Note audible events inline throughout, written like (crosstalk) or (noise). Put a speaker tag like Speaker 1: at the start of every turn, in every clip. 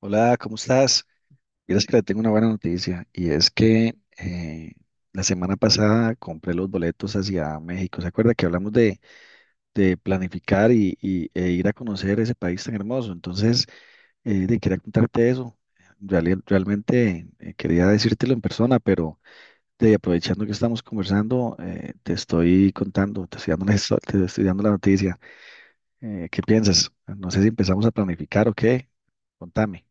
Speaker 1: Hola, ¿cómo estás? Quieres que le tengo una buena noticia y es que la semana pasada compré los boletos hacia México. ¿Se acuerda que hablamos de planificar e ir a conocer ese país tan hermoso? Entonces, quería contarte eso. Realmente quería decírtelo en persona, pero aprovechando que estamos conversando, te estoy contando, te estoy dando (laughs) te estoy dando la noticia. ¿Qué piensas? No sé si empezamos a planificar o qué. Contame.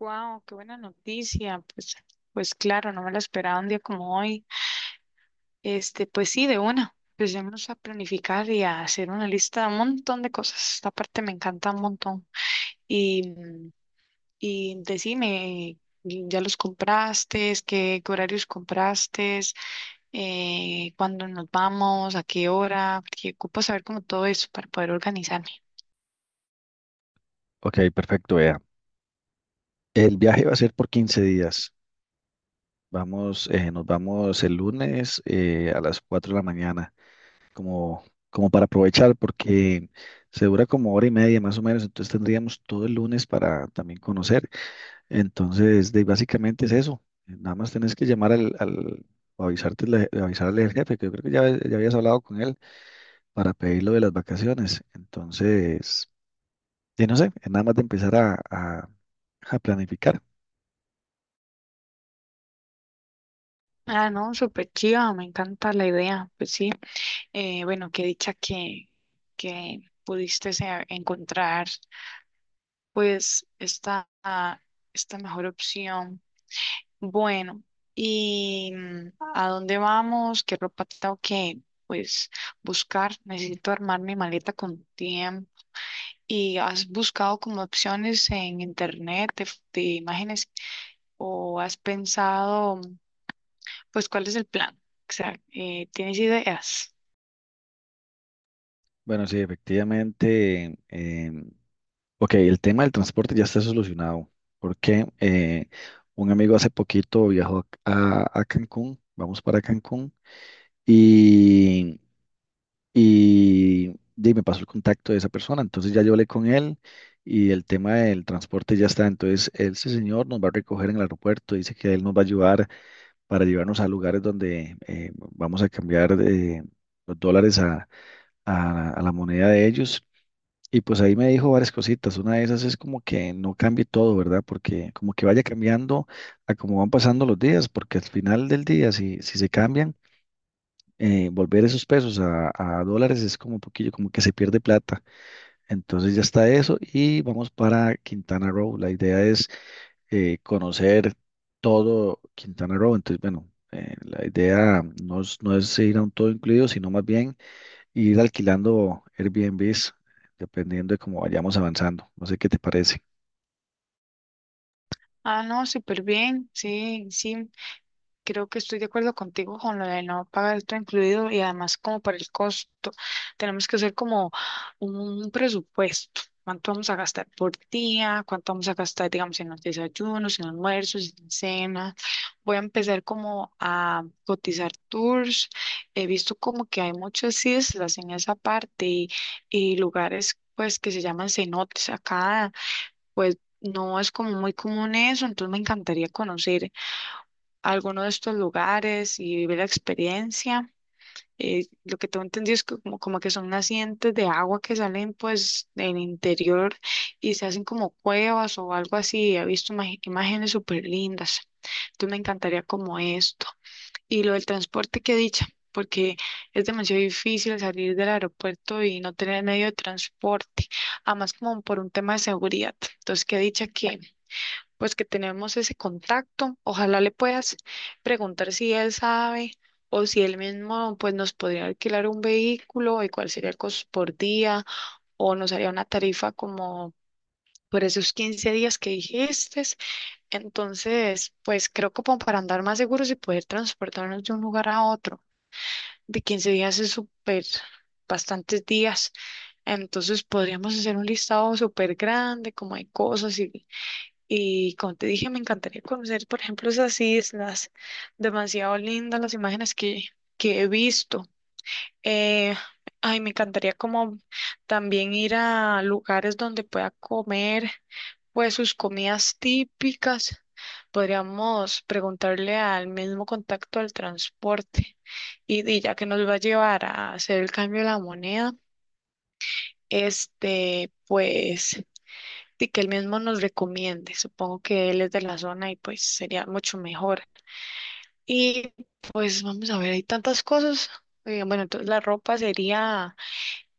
Speaker 2: Wow, qué buena noticia. Pues, pues claro, no me la esperaba un día como hoy. Este, pues sí, de una. Empecemos a planificar y a hacer una lista de un montón de cosas. Esta parte me encanta un montón. Y, y decime, ¿ya los compraste? ¿Qué horarios compraste? ¿Cuándo nos vamos? ¿A qué hora? Porque ocupo saber como todo eso para poder organizarme.
Speaker 1: Ok, perfecto, vea. El viaje va a ser por 15 días. Vamos, nos vamos el lunes a las 4 de la mañana, como, como para aprovechar, porque se dura como hora y media más o menos, entonces tendríamos todo el lunes para también conocer. Entonces, básicamente es eso. Nada más tenés que llamar al o avisarte, avisarle al jefe, que yo creo que ya habías hablado con él para pedir lo de las vacaciones. Entonces, y no sé, es nada más de empezar a a planificar.
Speaker 2: Ah, no, súper chiva, me encanta la idea. Pues sí. Bueno, qué dicha que pudiste encontrar pues esta mejor opción. Bueno, ¿y a dónde vamos? ¿Qué ropa tengo que pues buscar? Necesito armar mi maleta con tiempo. ¿Y has buscado como opciones en internet de, de imágenes o has pensado pues cuál es el plan? O sea, ¿tienes ideas?
Speaker 1: Bueno, sí, efectivamente. Ok, el tema del transporte ya está solucionado porque un amigo hace poquito viajó a Cancún, vamos para Cancún y, y me pasó el contacto de esa persona, entonces ya yo hablé con él y el tema del transporte ya está, entonces él, ese señor nos va a recoger en el aeropuerto, dice que él nos va a ayudar para llevarnos a lugares donde vamos a cambiar los dólares a la moneda de ellos y pues ahí me dijo varias cositas. Una de esas es como que no cambie todo, ¿verdad? Porque como que vaya cambiando a cómo van pasando los días, porque al final del día, si se cambian, volver esos pesos a dólares es como un poquillo, como que se pierde plata. Entonces ya está eso y vamos para Quintana Roo. La idea es conocer todo Quintana Roo. Entonces, bueno, la idea no es, no es ir a un todo incluido, sino más bien y ir alquilando Airbnbs dependiendo de cómo vayamos avanzando. No sé qué te parece.
Speaker 2: Ah, no, súper bien, sí, sí. Creo que estoy de acuerdo contigo con lo de no pagar todo incluido y además como por el costo. Tenemos que hacer como un presupuesto. ¿Cuánto vamos a gastar por día? ¿Cuánto vamos a gastar, digamos, en los desayunos, en almuerzos, en cenas? Voy a empezar como a cotizar tours. He visto como que hay muchas islas en esa parte y lugares pues que se llaman cenotes. Acá pues no es como muy común eso, entonces me encantaría conocer a alguno de estos lugares y vivir la experiencia. Lo que tengo entendido es que como que son nacientes de agua que salen pues del interior y se hacen como cuevas o algo así. He visto imágenes súper lindas. Entonces me encantaría como esto. Y lo del transporte, qué dicha, porque es demasiado difícil salir del aeropuerto y no tener medio de transporte, además como por un tema de seguridad. Entonces, qué dicha que pues que tenemos ese contacto. Ojalá le puedas preguntar si él sabe o si él mismo pues nos podría alquilar un vehículo y cuál sería el costo por día o nos haría una tarifa como por esos 15 días que dijiste. Entonces, pues creo que como para andar más seguros y poder transportarnos de un lugar a otro, de 15 días es súper, bastantes días. Entonces podríamos hacer un listado súper grande, como hay cosas y como te dije, me encantaría conocer, por ejemplo, esas islas. Demasiado lindas las imágenes que he visto. Eh, ay, me encantaría como también ir a lugares donde pueda comer, pues sus comidas típicas. Podríamos preguntarle al mismo contacto del transporte y ya que nos va a llevar a hacer el cambio de la moneda, este, pues y que él mismo nos recomiende. Supongo que él es de la zona y pues sería mucho mejor. Y pues vamos a ver, hay tantas cosas. Bueno, entonces la ropa sería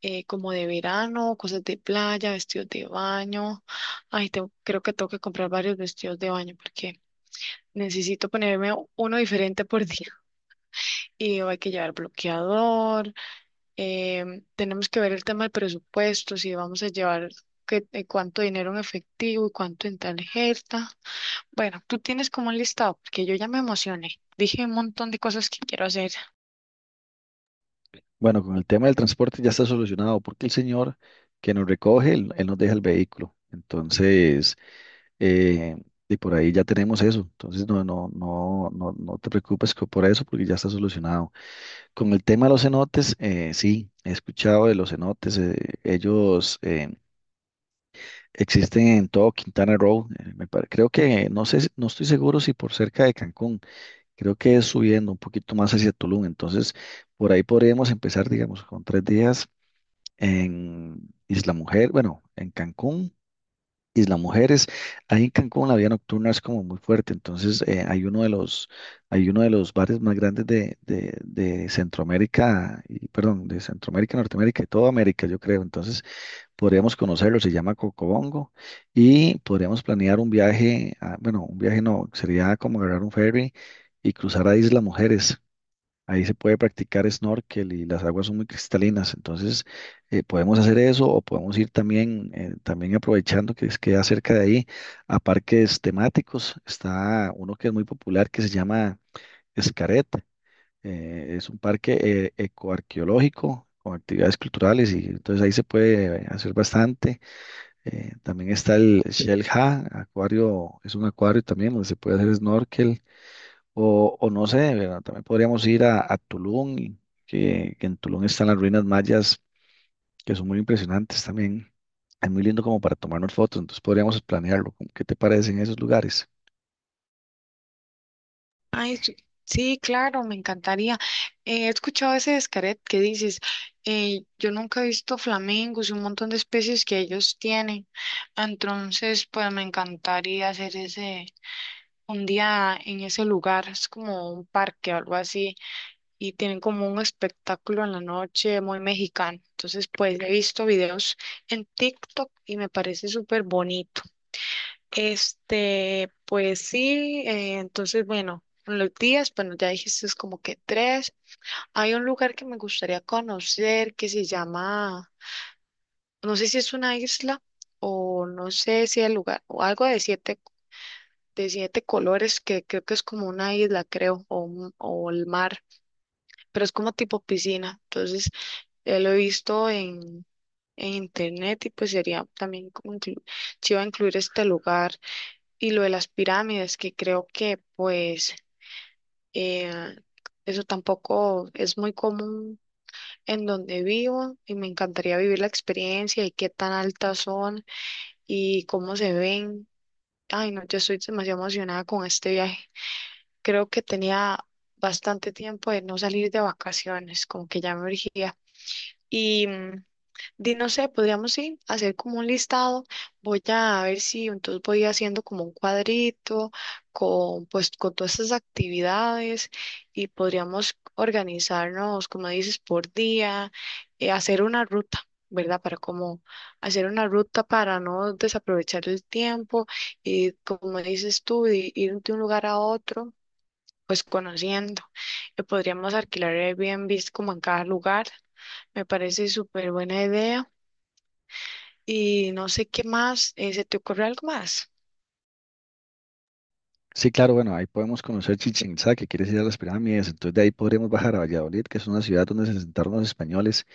Speaker 2: como de verano, cosas de playa, vestidos de baño. Ay, creo que tengo que comprar varios vestidos de baño porque necesito ponerme uno diferente por (laughs) día. Y hay que llevar bloqueador. Tenemos que ver el tema del presupuesto, si vamos a llevar cuánto dinero en efectivo y cuánto en tarjeta. Bueno, tú tienes como un listado, porque yo ya me emocioné. Dije un montón de cosas que quiero hacer.
Speaker 1: Bueno, con el tema del transporte ya está solucionado porque el señor que nos recoge, él nos deja el vehículo. Entonces, eh, y por ahí ya tenemos eso. Entonces, no, no, no, no, no te preocupes por eso porque ya está solucionado. Con el tema de los cenotes, sí, he escuchado de los cenotes. Ellos existen en todo Quintana Roo. Creo que, no sé, no estoy seguro si por cerca de Cancún. Creo que es subiendo un poquito más hacia Tulum. Entonces, por ahí podríamos empezar, digamos, con 3 días en Isla Mujer, bueno, en Cancún, Isla Mujeres. Ahí en Cancún la vida nocturna es como muy fuerte. Entonces, hay uno de los bares más grandes de Centroamérica, y, perdón, de Centroamérica, Norteamérica y toda América, yo creo. Entonces, podríamos conocerlo, se llama Cocobongo, y podríamos planear un viaje, bueno, un viaje no, sería como agarrar un ferry y cruzar a Isla Mujeres. Ahí se puede practicar snorkel y las aguas son muy cristalinas, entonces podemos hacer eso o podemos ir también, también aprovechando que queda cerca de ahí a parques temáticos. Está uno que es muy popular que se llama Escaret, es un parque ecoarqueológico con actividades culturales y entonces ahí se puede hacer bastante. También está el Shell Ha acuario, es un acuario también donde se puede hacer snorkel. O no sé, ¿verdad? También podríamos ir a Tulum, y que en Tulum están las ruinas mayas, que son muy impresionantes también. Es muy lindo como para tomarnos fotos, entonces podríamos planearlo. ¿Qué te parece en esos lugares?
Speaker 2: Ay, sí, sí, claro, me encantaría. He escuchado ese descaret que dices, yo nunca he visto flamingos y un montón de especies que ellos tienen. Entonces, pues me encantaría hacer ese un día en ese lugar. Es como un parque o algo así. Y tienen como un espectáculo en la noche muy mexicano. Entonces, pues he visto videos en TikTok y me parece súper bonito. Este, pues sí, entonces bueno, en los días, bueno, ya dijiste es como que tres. Hay un lugar que me gustaría conocer que se llama, no sé si es una isla o no sé si el lugar, o algo de siete colores que creo que es como una isla, creo, o el mar, pero es como tipo piscina. Entonces, lo he visto en internet y pues sería también como chiva incluir este lugar. Y lo de las pirámides, que creo que pues eh, eso tampoco es muy común en donde vivo y me encantaría vivir la experiencia y qué tan altas son y cómo se ven. Ay, no, yo estoy demasiado emocionada con este viaje. Creo que tenía bastante tiempo de no salir de vacaciones, como que ya me urgía. Y di, no sé, podríamos sí hacer como un listado. Voy a ver si entonces voy haciendo como un cuadrito con pues con todas estas actividades y podríamos organizarnos, como dices, por día, hacer una ruta, ¿verdad? Para como hacer una ruta para no desaprovechar el tiempo y como dices tú, de ir de un lugar a otro, pues conociendo. Podríamos alquilar Airbnb como en cada lugar. Me parece súper buena idea. Y no sé qué más, ¿se te ocurre algo más?
Speaker 1: Sí, claro, bueno, ahí podemos conocer Chichén Itzá, que quieres ir a las pirámides, entonces de ahí podríamos bajar a Valladolid, que es una ciudad donde se asentaron los españoles.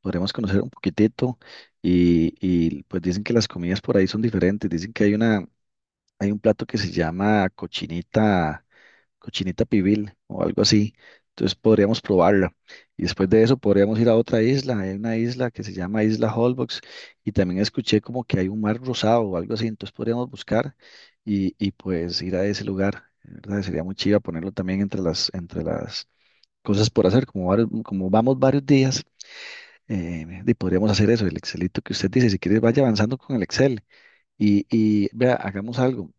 Speaker 1: Podremos conocer un poquitito pues dicen que las comidas por ahí son diferentes, dicen que hay hay un plato que se llama cochinita, cochinita pibil o algo así, entonces podríamos probarla y después de eso podríamos ir a otra isla, hay una isla que se llama Isla Holbox y también escuché como que hay un mar rosado o algo así, entonces podríamos buscar y pues ir a ese lugar, ¿verdad? Sería muy chiva ponerlo también entre las cosas por hacer, como vamos varios días. Y podríamos hacer eso, el Excelito que usted dice. Si quiere, vaya avanzando con el Excel. Y vea, hagamos algo.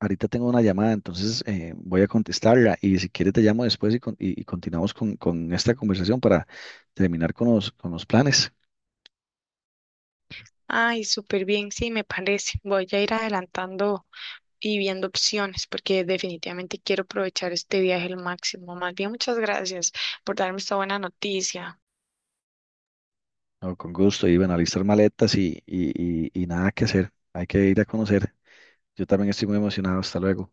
Speaker 1: Ahorita tengo una llamada, entonces voy a contestarla. Y si quiere, te llamo después y continuamos con esta conversación para terminar con con los planes.
Speaker 2: Ay, súper bien, sí, me parece. Voy a ir adelantando y viendo opciones porque definitivamente quiero aprovechar este viaje al máximo. Más bien, muchas gracias por darme esta buena noticia.
Speaker 1: No, con gusto. Y bueno, alistar maletas y nada que hacer. Hay que ir a conocer. Yo también estoy muy emocionado. Hasta luego.